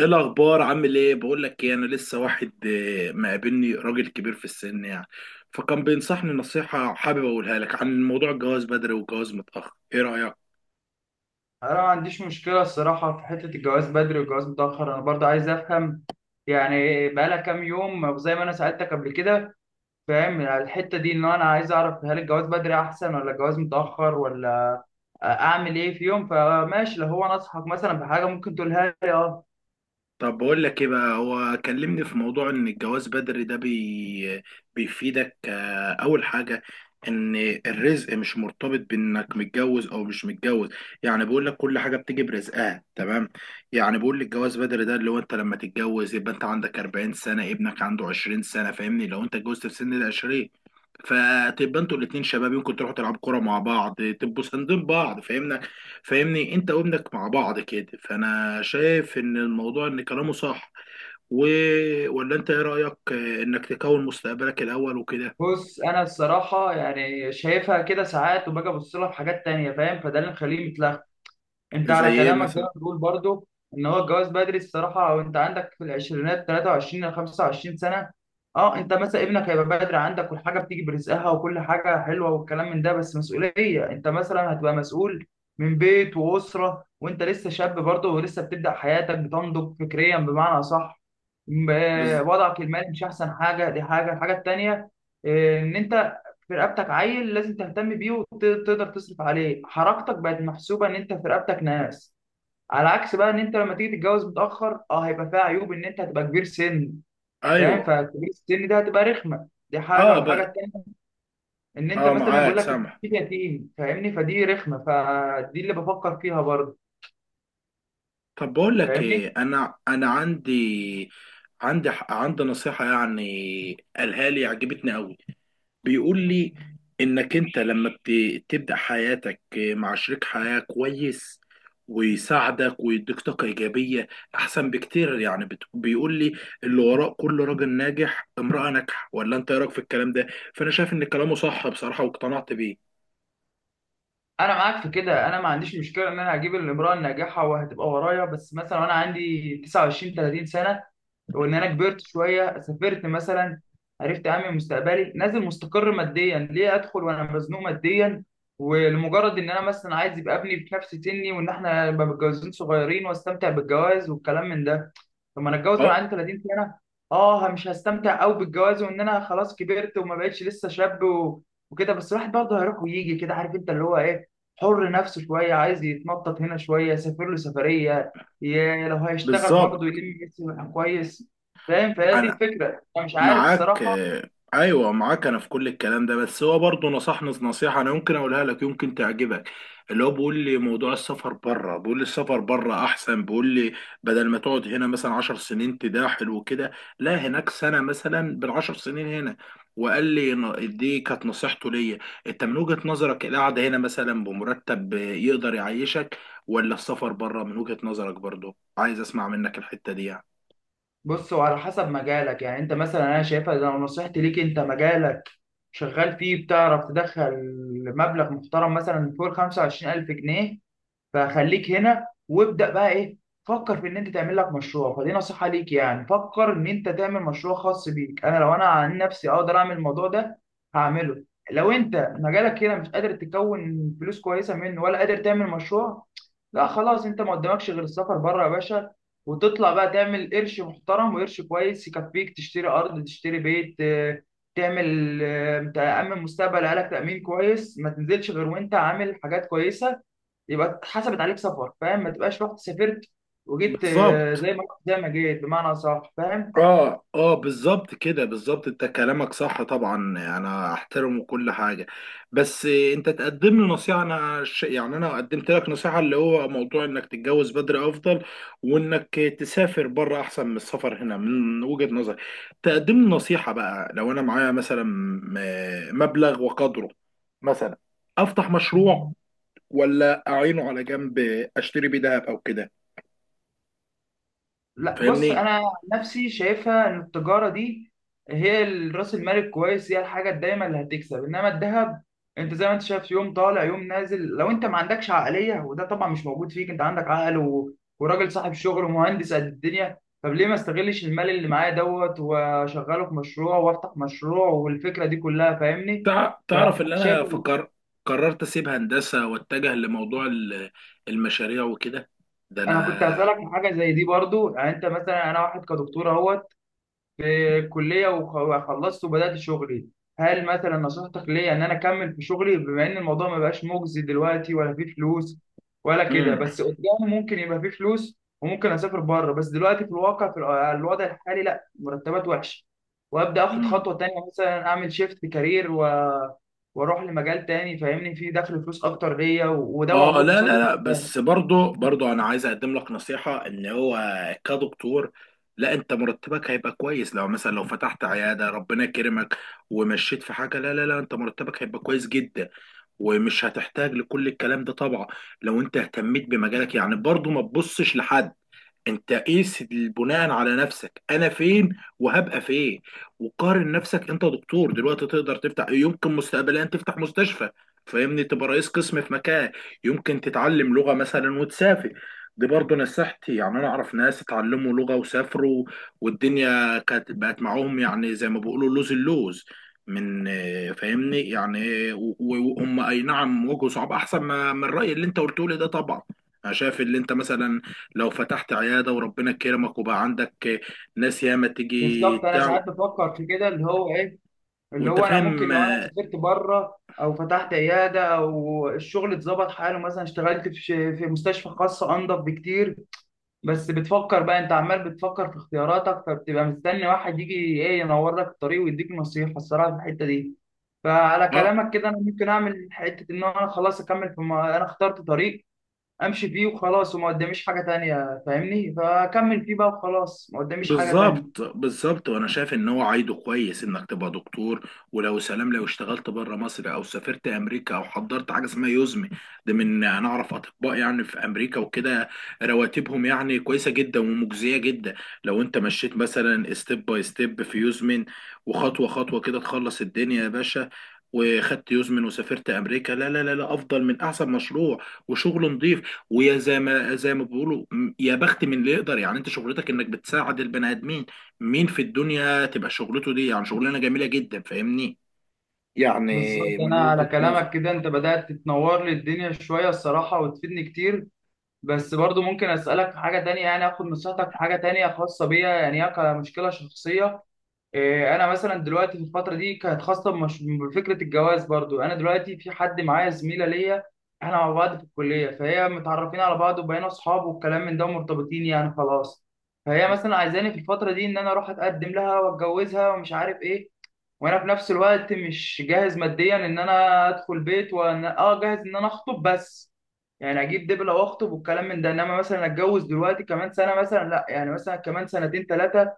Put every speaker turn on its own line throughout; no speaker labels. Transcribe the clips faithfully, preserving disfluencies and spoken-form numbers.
ايه الاخبار؟ عامل ايه؟ بقول لك ايه، انا لسه واحد آه، مقابلني راجل كبير في السن، يعني. فكان بينصحني نصيحة، حابب اقولها لك عن موضوع الجواز بدري والجواز متأخر، ايه رأيك؟
انا ما عنديش مشكله الصراحه في حته الجواز بدري والجواز متاخر. انا برضه عايز افهم، يعني بقالها كام يوم زي ما انا سالتك قبل كده. فاهم على الحته دي، ان انا عايز اعرف هل الجواز بدري احسن ولا الجواز متاخر ولا اعمل ايه في يوم. فماشي، لو هو نصحك مثلا بحاجه ممكن تقولها لي. اه
طب بقول لك ايه بقى. هو كلمني في موضوع ان الجواز بدري ده بي... بيفيدك. آه، اول حاجة ان الرزق مش مرتبط بانك متجوز او مش متجوز، يعني بيقول لك كل حاجة بتيجي برزقها، تمام. يعني بيقول لي الجواز بدري ده اللي هو انت لما تتجوز يبقى انت عندك أربعين سنة، ابنك عنده عشرين سنة، فاهمني؟ لو انت اتجوزت في سن ال عشرين، فتبقى انتوا الاتنين شباب، يمكن تروحوا تلعبوا كوره مع بعض، تبقوا ساندين بعض، فاهمنا. فاهمني، انت وابنك مع بعض كده. فانا شايف ان الموضوع ان كلامه صح، و... ولا انت ايه رايك اه، انك تكون مستقبلك الاول وكده؟
بص، انا الصراحه يعني شايفها كده ساعات وباجي ابص لها في حاجات تانية، فاهم؟ فده اللي مخليني متلخبط. انت
زي
على
ايه
كلامك
مثلا؟
ده بتقول برضو ان هو الجواز بدري الصراحه وانت عندك في العشرينات ثلاثة وعشرين ل خمسة وعشرين سنه. اه انت مثلا ابنك هيبقى بدري عندك، والحاجه بتيجي برزقها وكل حاجه حلوه والكلام من ده، بس مسؤوليه، انت مثلا هتبقى مسؤول من بيت واسره وانت لسه شاب برضو، ولسه بتبدا حياتك بتنضج فكريا، بمعنى صح. م-
بز...
آه، وضعك المالي مش احسن حاجه، دي حاجه. الحاجه التانيه، آه، ان انت في رقبتك عيل لازم تهتم بيه وتقدر تصرف عليه، حركتك بقت محسوبه ان انت في رقبتك ناس. على عكس بقى ان انت لما تيجي تتجوز متاخر، اه هيبقى فيها عيوب، ان انت هتبقى كبير سن. فاهم؟
ايوه.
فكبير السن ده هتبقى رخمه، دي حاجه.
اه. ب...
والحاجه التانيه ان انت
اه،
مثلا بيقول
معاك
لك انت
سامح.
يتيم، فاهمني؟ فدي رخمه، فدي اللي بفكر فيها برضه.
طب بقول لك
فاهمني؟
ايه، انا انا عندي عندي عندي نصيحه يعني، قالها لي، عجبتني قوي. بيقول لي انك انت لما بت- بتبدأ حياتك مع شريك حياة كويس ويساعدك ويديك طاقة إيجابية، أحسن بكتير. يعني بت- بيقول لي اللي وراء كل راجل ناجح امرأة ناجحة، ولا أنت إيه رأيك في الكلام ده؟ فأنا شايف إن كلامه صح بصراحة، واقتنعت بيه.
انا معاك في كده، انا ما عنديش مشكله ان انا هجيب الامراه الناجحه وهتبقى ورايا، بس مثلا وانا عندي تسعة وعشرين تلاتين سنه، وان انا كبرت شويه، سافرت مثلا، عرفت اعمل مستقبلي، نازل مستقر ماديا. ليه ادخل وانا مزنوق ماديا ولمجرد ان انا مثلا عايز يبقى ابني في نفس سني وان احنا نبقى متجوزين صغيرين واستمتع بالجواز والكلام من ده؟ لما انا اتجوز وانا
أه،
عندي تلاتين سنه، اه مش هستمتع قوي بالجواز، وان انا خلاص كبرت وما بقتش لسه شاب و... وكده. بس الواحد برضه هيروح ويجي كده، عارف انت اللي هو ايه، حر نفسه شويه، عايز يتنطط هنا شويه، يسافر له سفريه، ي- لو هيشتغل برضه
بالظبط.
يلم نفسه كويس. فاهم؟ فهي دي
أنا
الفكره، انا مش عارف
معاك،
الصراحه.
آه، ايوه، معاك انا في كل الكلام ده، بس هو برضه نصحني نصيحه، انا يمكن اقولها لك، يمكن تعجبك. اللي هو بيقول لي موضوع السفر بره، بيقول لي السفر بره احسن. بيقول لي بدل ما تقعد هنا مثلا عشر سنين تداحل وكده، لا هناك سنه مثلا بالعشر سنين هنا. وقال لي ن- دي كانت نصيحته ليا. انت من وجهه نظرك القعده هنا مثلا بمرتب يقدر يعيشك، ولا السفر بره من وجهه نظرك؟ برضه عايز اسمع منك الحته دي، يعني.
بص، هو على حسب مجالك يعني. انت مثلا، انا شايفها لو نصيحتي ليك، انت مجالك شغال فيه بتعرف تدخل مبلغ محترم مثلا فوق خمسة وعشرين الف جنيها، فخليك هنا وابدأ بقى ايه، فكر في ان انت تعمل لك مشروع. فدي نصيحة ليك، يعني فكر ان انت تعمل مشروع خاص بيك. انا لو انا عن نفسي اقدر اعمل الموضوع ده، هعمله. لو انت مجالك هنا مش قادر تكون فلوس كويسة منه ولا قادر تعمل مشروع، لا خلاص، انت ما قدامكش غير السفر بره يا باشا، وتطلع بقى تعمل قرش محترم وقرش كويس يكفيك، تشتري ارض، تشتري بيت، آه، تعمل، آه، تأمن مستقبل عيالك تأمين كويس. ما تنزلش غير وانت عامل حاجات كويسة، يبقى اتحسبت عليك سفر. فاهم؟ ما تبقاش رحت سافرت وجيت، آه،
بالظبط.
زي ما رحت زي ما جيت، بمعنى صح. فاهم؟
اه، اه، بالظبط كده، بالظبط. انت كلامك صح طبعا، يعني انا احترمه كل حاجه، بس انت تقدم لي نصيحه. انا ش... يعني انا قدمت لك نصيحه، اللي هو موضوع انك تتجوز بدري افضل، وانك تسافر بره احسن من السفر هنا، من وجهه نظري. تقدم لي نصيحه بقى، لو انا معايا مثلا م- مبلغ وقدره، مثلا افتح مشروع، ولا اعينه على جنب، اشتري بيه دهب او كده،
لا بص،
فاهمني؟
انا عن نفسي شايفها ان التجاره دي هي ال- راس المال الكويس، هي الحاجه الدايمه اللي هتكسب. انما الذهب انت زي ما انت شايف، يوم طالع يوم نازل. لو انت ما عندكش عقليه، وده طبعا مش موجود فيك، انت عندك عقل و... وراجل صاحب شغل ومهندس قد الدنيا، طب ليه ما استغلش المال اللي معايا دوت واشغله في مشروع وافتح مشروع والفكره دي كلها. فاهمني؟
تع- تعرف ان
فشايف.
انا فكر، قررت اسيب هندسه واتجه لموضوع ال- المشاريع وكده، ده
انا كنت
انا.
هسألك في حاجه زي دي برضو. يعني انت مثلا، انا واحد كدكتور اهوت في الكليه، وخ- وخلصت وبدات شغلي. هل مثلا نصيحتك ليا ان انا اكمل في شغلي، بما ان الموضوع ما بقاش مجزي دلوقتي ولا فيه فلوس ولا كده،
امم.
بس قدام ممكن يبقى فيه فلوس وممكن اسافر بره، بس دلوقتي في الواقع في الو- الوضع الحالي لا، مرتبات وحشه. وابدا اخد
امم.
خطوه تانية، مثلا اعمل شيفت كارير و... واروح لمجال تاني، فاهمني، فيه دخل فلوس اكتر ليا و... وده
اه،
موجود
لا لا
قصادي.
لا، بس برضو برضو انا عايز اقدم لك نصيحه، ان هو كدكتور، لا، انت مرتبك هيبقى كويس لو مثلا لو فتحت عياده ربنا كرمك ومشيت في حاجه. لا لا لا، انت مرتبك هيبقى كويس جدا، ومش هتحتاج لكل الكلام ده طبعا لو انت اهتميت بمجالك. يعني برضو ما تبصش لحد، انت قيس بناء على نفسك، انا فين وهبقى فين. وقارن نفسك، انت دكتور دلوقتي، تقدر تفتح، يمكن مستقبليا تفتح مستشفى، فاهمني؟ تبقى رئيس قسم في مكان، يمكن تتعلم لغة مثلا وتسافر. دي برضه نصيحتي، يعني انا اعرف ناس اتعلموا لغة وسافروا، والدنيا كانت بقت معاهم، يعني زي ما بيقولوا لوز اللوز من، آه، فاهمني يعني، و- و- وهم اي نعم واجهوا صعوبة، احسن ما من الرأي اللي انت قلته لي ده طبعا. انا شايف اللي انت مثلا لو فتحت عيادة وربنا كرمك، وبقى عندك ناس ياما تيجي
بالظبط. انا
بتاع،
ساعات بفكر في كده، اللي هو ايه، اللي
وانت
هو انا ممكن
فاهم.
لو انا سافرت بره، او فتحت عياده، او الشغل اتظبط حاله، مثلا اشتغلت في ش- في مستشفى خاصه، انضف بكتير. بس بتفكر بقى، انت عمال بتفكر في اختياراتك، فبتبقى مستني واحد يجي ايه ينور لك الطريق ويديك نصيحه الصراحه في الحته دي. فعلى
اه،
كلامك كده، انا ممكن اعمل حته ان انا خلاص اكمل في ما انا اخترت طريق امشي فيه وخلاص، وما قداميش حاجه تانية، فاهمني، فاكمل فيه بقى وخلاص ما قداميش حاجه تانية.
بالظبط بالظبط. وانا شايف ان هو عايده كويس انك تبقى دكتور، ولو سلام لو اشتغلت بره مصر او سافرت امريكا، او حضرت حاجه اسمها يوزمي. ده من، انا اعرف اطباء يعني في امريكا وكده، رواتبهم يعني كويسه جدا ومجزيه جدا. لو انت مشيت مثلا ستيب باي ستيب في يوزمن، وخطوه خطوه كده، تخلص الدنيا يا باشا. وخدت يوزمن وسافرت امريكا، لا لا لا لا، افضل من احسن مشروع وشغل نظيف. ويا، زي ما زي ما بيقولوا، م- يا بخت من اللي يقدر. يعني انت شغلتك انك بتساعد البني ادمين، مين في الدنيا تبقى شغلته دي؟ يعني شغلانه جميله جدا، فاهمني.
بالظبط،
يعني من
انا على
وجهة نظر.
كلامك كده انت بدأت تتنور لي الدنيا شوية الصراحة وتفيدني كتير. بس برضو ممكن اسألك في حاجة تانية، يعني اخد نصيحتك في حاجة تانية خاصة بيا، يعني هي كمشكلة شخصية. إيه، انا مثلا دلوقتي في الفترة دي كانت خاصة بمش- بفكرة الجواز برضو. انا دلوقتي في حد معايا زميلة ليا، احنا مع بعض في الكلية، فهي متعرفين على بعض وبقينا اصحاب والكلام من ده، ومرتبطين يعني خلاص. فهي مثلا عايزاني في الفترة دي ان انا اروح اتقدم لها واتجوزها ومش عارف ايه، وانا في نفس الوقت مش جاهز ماديا ان انا ادخل بيت، وانا اه جاهز ان انا اخطب بس، يعني اجيب دبله واخطب والكلام من ده، انما مثلا اتجوز دلوقتي كمان سنه مثلا لا. يعني مثلا كمان سنتين ثلاثه،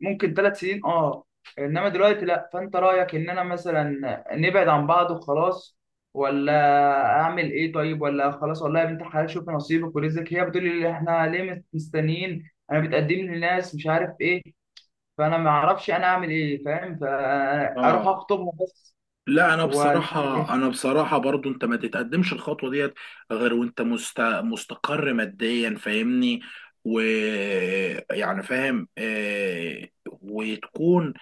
ممكن ثلاث سنين اه، انما دلوقتي لا. فانت رايك ان انا مثلا نبعد عن بعض وخلاص، ولا اعمل ايه؟ طيب ولا خلاص والله يا بنت الحلال شوف نصيبك ورزقك؟ هي بتقول لي احنا ليه مستنيين، انا بتقدم لي ناس مش عارف ايه. فانا ما اعرفش انا اعمل ايه. فاهم؟ فاروح
اه،
اخطبها بس
لا، انا
ولا اعمل
بصراحه
ايه؟
انا بصراحه برضو انت ما تتقدمش الخطوه ديت غير وانت مست... مستقر ماديا، فاهمني؟ ويعني فاهم، آه، وتكون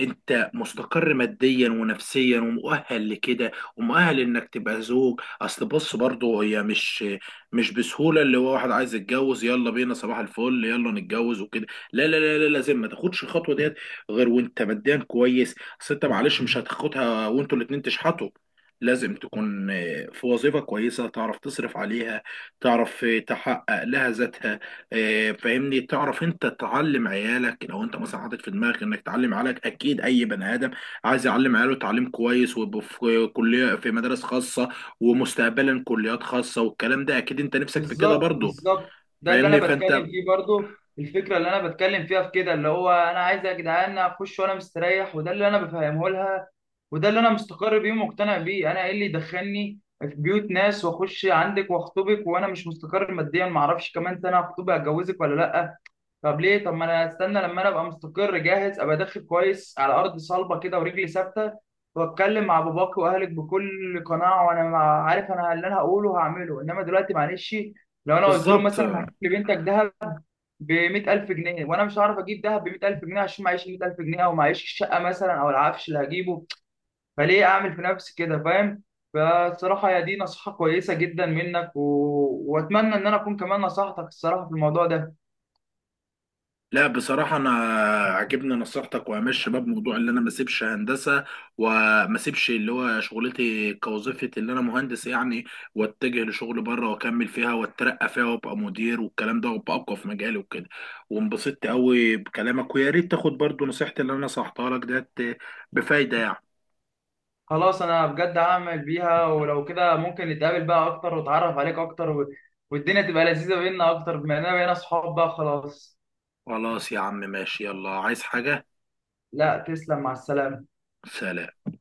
انت مستقر ماديا ونفسيا، ومؤهل لكده، ومؤهل انك تبقى زوج. اصل بص برضو، هي مش مش بسهوله اللي هو واحد عايز يتجوز يلا بينا صباح الفل يلا نتجوز وكده. لا لا لا لا، لازم ما تاخدش الخطوه ديت غير وانت ماديا كويس، اصل انت معلش مش هتاخدها وانتوا الاتنين تشحطوا. لازم تكون آه، في وظيفة كويسة تعرف تصرف عليها، تعرف آه، تحقق لها ذاتها. آه، فاهمني، تعرف انت تعلم عيالك لو انت مثلا حاطط في دماغك انك تعلم عيالك. اكيد اي بني ادم عايز يعلم عياله تعليم كويس، ويبقوا في كلية في مدارس خاصة، ومستقبلا كليات خاصة والكلام ده، اكيد انت نفسك في كده
بالظبط،
برضه.
بالظبط. ده اللي
فاهمني،
انا
فانت.
بتكلم فيه برضو، الفكره اللي انا بتكلم فيها في كده، اللي هو انا عايز يا جدعان اخش وانا مستريح، وده اللي انا بفهمه لها، وده اللي انا مستقر بيه ومقتنع بيه. انا ايه اللي يدخلني في بيوت ناس واخش عندك واخطبك وانا مش مستقر ماديا، ما اعرفش كمان سنه هخطبك هتجوزك ولا لا؟ طب ليه؟ طب ما انا استنى لما انا ابقى مستقر جاهز، ابقى داخل كويس على ارض صلبه كده ورجلي ثابته، واتكلم مع باباك واهلك بكل قناعه، وانا مع- عارف انا اللي انا هقوله هعمله، انما دلوقتي معلش. لو انا قلت له
بالظبط.
مثلا هجيب لبنتك دهب ب مئة الف جنيه وانا مش هعرف اجيب دهب ب مية الف جنيه، عشان معيش مية الف جنيه، او معيش الشقه مثلا، او العفش اللي هجيبه، فليه اعمل في نفسي كده؟ فاهم؟ فالصراحه يا دي نصيحه كويسه جدا منك و... واتمنى ان انا اكون كمان نصحتك الصراحه في الموضوع ده.
لا بصراحة أنا عجبني نصيحتك، وهمشي شباب موضوع اللي أنا ما أسيبش هندسة، وما أسيبش اللي هو شغلتي كوظيفة اللي أنا مهندس يعني. وأتجه لشغل بره وأكمل فيها وأترقى فيها وأبقى مدير والكلام ده، وأبقى أقوى في مجالي وكده. وانبسطت أوي بكلامك، ويا ريت تاخد برضو نصيحتي اللي أنا نصحتها لك ديت، بفايدة يعني.
خلاص انا بجد هعمل بيها. ولو كده ممكن نتقابل بقى اكتر واتعرف عليك اكتر و... والدنيا تبقى لذيذة بينا اكتر، بما اننا بقينا صحاب بقى خلاص.
خلاص يا عم، ماشي. يلا، عايز حاجة؟
لا تسلم، مع السلامة.
سلام.